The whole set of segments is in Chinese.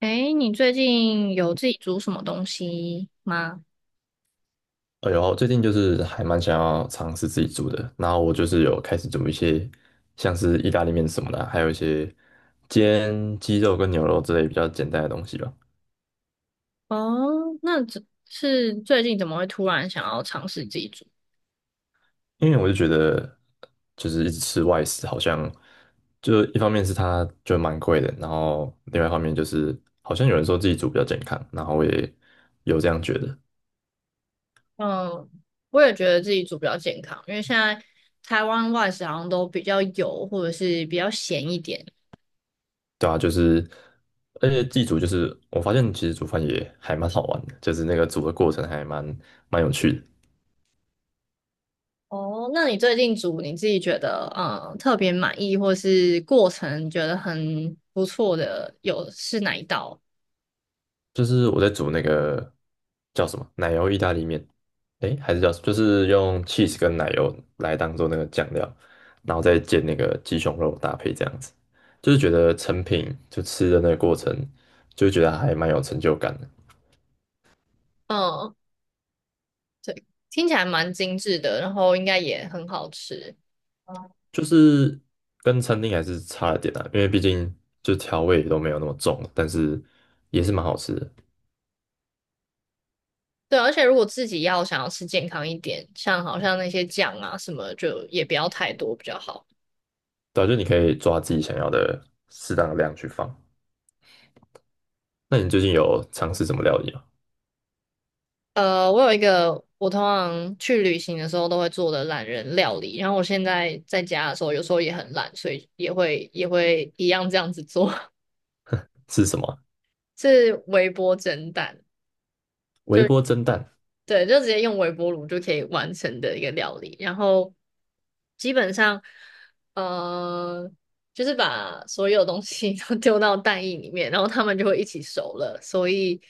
诶，你最近有自己煮什么东西吗？哎呦，最近就是还蛮想要尝试自己煮的，然后我就是有开始煮一些像是意大利面什么的啊，还有一些煎鸡肉跟牛肉之类比较简单的东西吧。哦，那只是最近怎么会突然想要尝试自己煮？因为我就觉得，就是一直吃外食，好像就一方面是它就蛮贵的，然后另外一方面就是好像有人说自己煮比较健康，然后我也有这样觉得。嗯，我也觉得自己煮比较健康，因为现在台湾外食好像都比较油或者是比较咸一点。对啊，就是而且自己煮就是我发现其实煮饭也还蛮好玩的，就是那个煮的过程还蛮有趣的。哦，那你最近煮你自己觉得特别满意，或是过程觉得很不错的，有是哪一道？就是我在煮那个叫什么奶油意大利面，诶，还是叫什么？就是用 cheese 跟奶油来当做那个酱料，然后再煎那个鸡胸肉搭配这样子，就是觉得成品就吃的那个过程，就觉得还蛮有成就感的。嗯，对，听起来蛮精致的，然后应该也很好吃。就是跟餐厅还是差了点啊，因为毕竟就调味都没有那么重，但是也是蛮好吃的。对，而且如果自己要想要吃健康一点，像好像那些酱啊什么，就也不要太多比较好。对啊，就你可以抓自己想要的适当的量去放。那你最近有尝试什么料理吗？我有一个我通常去旅行的时候都会做的懒人料理，然后我现在在家的时候有时候也很懒，所以也会一样这样子做，是什么啊 是微波蒸蛋，微就波蒸蛋。对，就直接用微波炉就可以完成的一个料理。然后基本上，呃，就是把所有东西 都丢到蛋液里面，然后它们就会一起熟了。所以，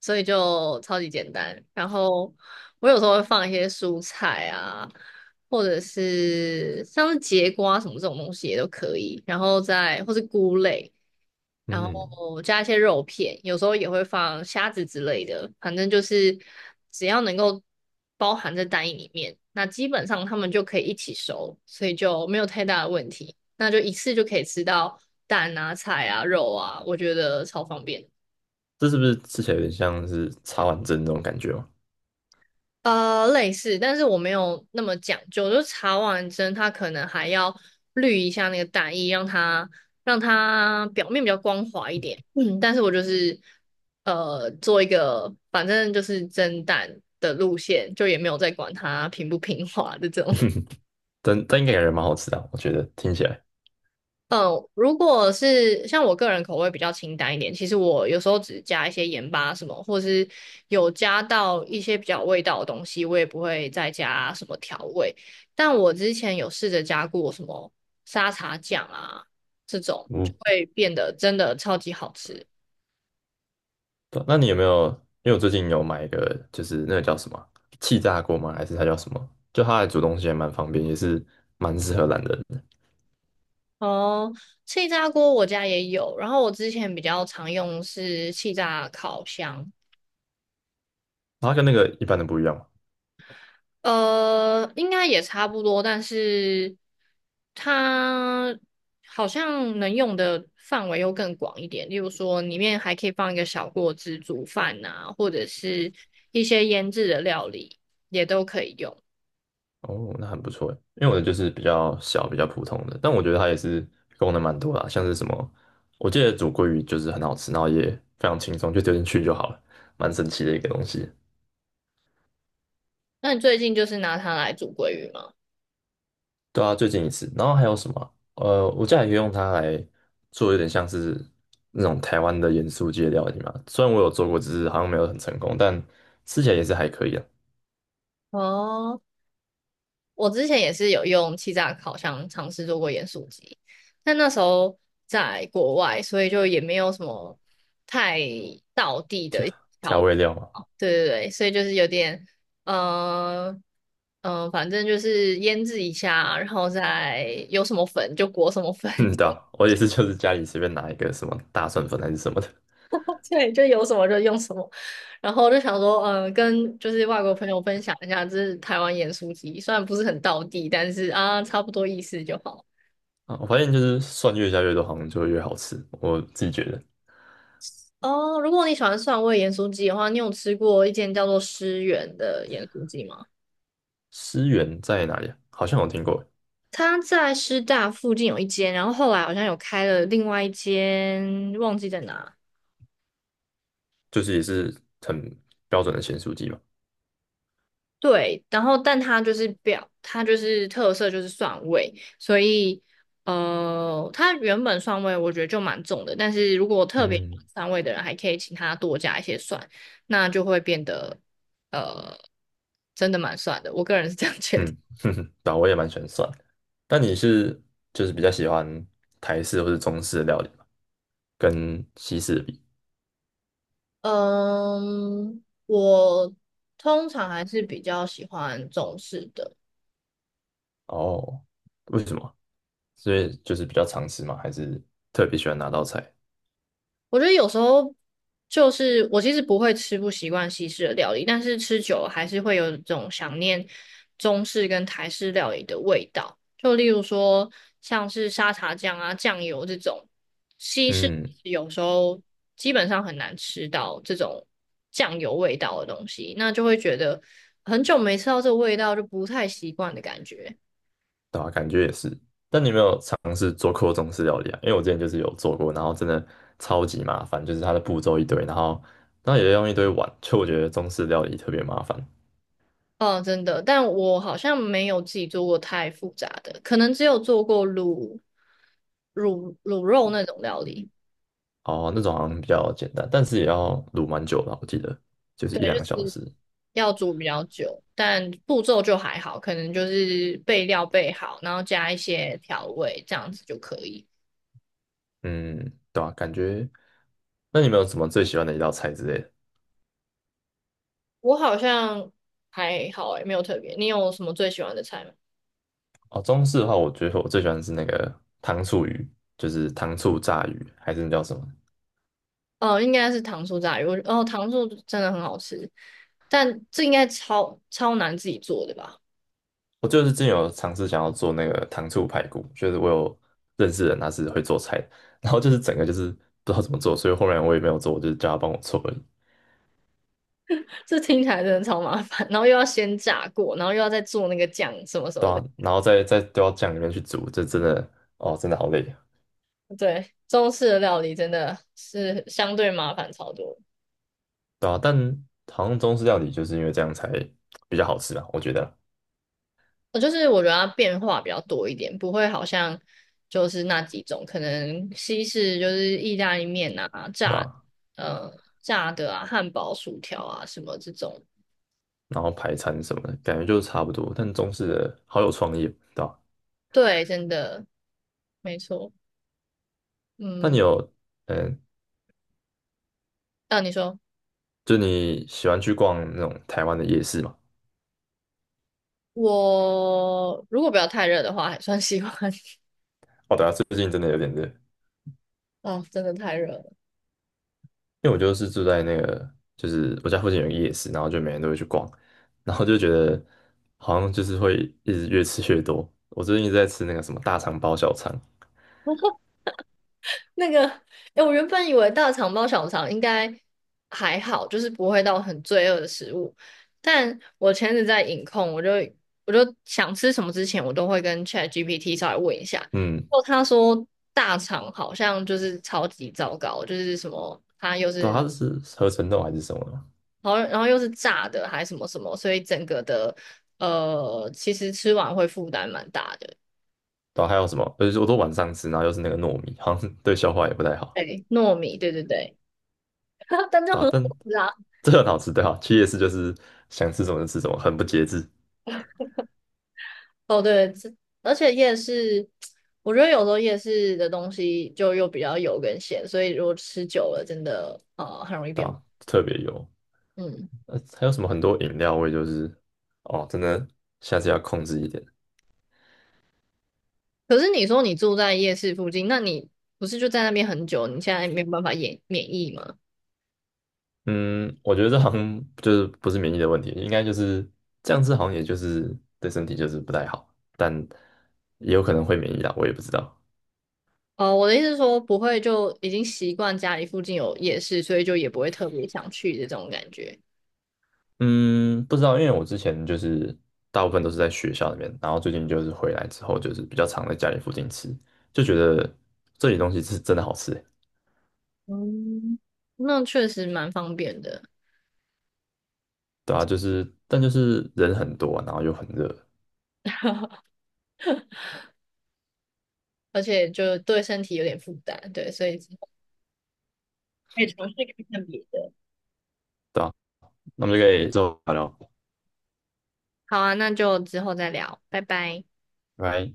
所以就超级简单。然后我有时候会放一些蔬菜啊，或者是像是节瓜什么这种东西也都可以。然后再或是菇类。然嗯，后加一些肉片，有时候也会放虾子之类的，反正就是只要能够包含在蛋液里面，那基本上它们就可以一起熟，所以就没有太大的问题。那就一次就可以吃到蛋啊、菜啊、肉啊，我觉得超方便。这是不是吃起来有点像是茶碗蒸那种感觉吗？类似，但是我没有那么讲究，就查完针，它可能还要滤一下那个蛋液，让它表面比较光滑一点。嗯，但是我就是做一个，反正就是蒸蛋的路线，就也没有再管它平不平滑的这种。但应该感觉蛮好吃的啊我觉得听起来。嗯，如果是像我个人口味比较清淡一点，其实我有时候只加一些盐巴什么，或是有加到一些比较有味道的东西，我也不会再加什么调味。但我之前有试着加过什么沙茶酱啊，这种就我会变得真的超级好吃。不那你有没有？因为我最近有买一个，就是那个叫什么啊气炸锅吗？还是它叫什么？就它来煮东西也蛮方便，也是蛮适合懒人的。哦，气炸锅我家也有，然后我之前比较常用是气炸烤箱，它跟那个一般的不一样嘛。应该也差不多，但是它好像能用的范围又更广一点。例如说，里面还可以放一个小锅子煮饭啊，或者是一些腌制的料理也都可以用。哦，那很不错诶，因为我的就是比较小、比较普通的，但我觉得它也是功能蛮多的啊像是什么，我记得煮鲑鱼就是很好吃，然后也非常轻松，就丢进去就好了，蛮神奇的一个东西。那你最近就是拿它来煮鲑鱼吗？对啊，最近一次，然后还有什么？我家里也用它来做，有点像是那种台湾的盐酥鸡的料理嘛。虽然我有做过，只是好像没有很成功，但吃起来也是还可以啊。哦。我之前也是有用气炸烤箱尝试做过盐酥鸡，但那时候在国外，所以就也没有什么太道地的调调调，味料嘛，对对对，所以就是有点，嗯、呃、反正就是腌制一下，然后再有什么粉就裹什么粉，嗯，对啊，我也是，就是家里随便拿一个什么大蒜粉还是什么的 对，就有什么就用什么，然后我就想说，跟就是外国朋友分享一下，这是台湾盐酥鸡，虽然不是很道地，但是啊，差不多意思就好。啊。我发现就是蒜越加越多，好像就越好吃。我自己觉得，哦，如果你喜欢蒜味盐酥鸡的话，你有吃过一间叫做诗源的盐酥鸡吗？思源在哪里啊？好像有听过，它在师大附近有一间，然后后来好像有开了另外一间，忘记在哪。就是也是很标准的咸酥鸡嘛。对，然后但它就是表，它就是特色就是蒜味，所以它原本蒜味我觉得就蛮重的，但是如果特别喜嗯。欢蒜味的人，还可以请他多加一些蒜，那就会变得呃，真的蛮蒜的。我个人是这样觉得。嗯，哼哼，对啊，我也蛮喜欢蒜的。但你是就是比较喜欢台式或是中式的料理吗？跟西式的比？嗯，我通常还是比较喜欢中式的。哦，为什么？所以就是比较常吃吗？还是特别喜欢哪道菜？我觉得有时候就是我其实不会吃不习惯西式的料理，但是吃久了还是会有一种想念中式跟台式料理的味道。就例如说像是沙茶酱啊、酱油这种，西式嗯，有时候基本上很难吃到这种酱油味道的东西，那就会觉得很久没吃到这个味道，就不太习惯的感觉。对啊，感觉也是。但你有没有尝试做过中式料理啊？因为我之前就是有做过，然后真的超级麻烦，就是它的步骤一堆，然后也要用一堆碗，就我觉得中式料理特别麻烦。哦，真的，但我好像没有自己做过太复杂的，可能只有做过卤肉那种料理，哦，那种好像比较简单，但是也要卤蛮久的，我记得就是一两个小时。要煮比较久，但步骤就还好，可能就是备料备好，然后加一些调味，这样子就可以。嗯，对啊，感觉。那你们有什么最喜欢的一道菜之类的？我好像还好诶，没有特别。你有什么最喜欢的菜吗？哦，中式的话，我觉得我最喜欢的是那个糖醋鱼，就是糖醋炸鱼，还是那叫什么？哦，应该是糖醋炸鱼，糖醋真的很好吃，但这应该超超难自己做的吧？我就是之前有尝试想要做那个糖醋排骨，就是我有认识的人他是会做菜的，然后就是整个就是不知道怎么做，所以后面我也没有做，我就是叫他帮我做而已。这听起来真的超麻烦，然后又要先炸过，然后又要再做那个酱什么什对么的。啊，然后再丢到酱里面去煮，这真的哦，真的好累，啊，对，中式的料理真的是相对麻烦超多。对啊，但好像中式料理就是因为这样才比较好吃吧，我觉得。就是我觉得它变化比较多一点，不会好像就是那几种，可能西式就是意大利面啊、对啊。呃炸的啊、汉堡、薯条啊什么这种。然后排餐什么的，感觉就是差不多。但中式的好有创意哦，对吧？对，真的没错。那你嗯，有，嗯，那、你说就你喜欢去逛那种台湾的夜市吗？我如果不要太热的话，还算喜欢。哦，对啊，最近真的有点热，因 哦，真的太热了。为我就是住在那个，就是我家附近有一个夜市，然后就每天都会去逛，然后就觉得好像就是会一直越吃越多。我最近一直在吃那个什么大肠包小肠。那个，哎，我原本以为大肠包小肠应该还好，就是不会到很罪恶的食物。但我前阵子在饮控，我就想吃什么之前，我都会跟 ChatGPT 稍微问一下。然嗯，后他说大肠好像就是超级糟糕，就是什么它又对是啊它是合成豆还是什么的嘛。好像，然后又是炸的，还什么什么，所以整个的其实吃完会负担蛮大的。对啊还有什么？而且我都晚上吃，然后又是那个糯米，好像 对消化也不太好。对，糯米，对对对，但就对啊，很好但吃啊。这很好吃。对啊，去夜市就是想吃什么就吃什么，很不节制。哦，对，这而且夜市，我觉得有时候夜市的东西就又比较油跟咸，所以如果吃久了，真的很容易对变。啊，特别油。嗯，还有什么很多饮料味，就是哦，真的下次要控制一点。可是你说你住在夜市附近，那你不是就在那边很久？你现在没有办法免疫吗？嗯，我觉得这好像就是不是免疫的问题，应该就是这样吃，好像也就是对身体就是不太好，但也有可能会免疫啦，我也不知道。哦，我的意思是说，不会就已经习惯家里附近有夜市，所以就也不会特别想去的这种感觉。嗯，不知道，因为我之前就是大部分都是在学校里面，然后最近就是回来之后，就是比较常在家里附近吃，就觉得这里东西是真的好吃。嗯，那确实蛮方便的，对啊，就是但就是人很多啊然后又很热。而且就对身体有点负担，对，所以之后可以尝试看看别的。对啊，那我们就可以之后聊聊，好啊，那就之后再聊，拜拜。拜拜。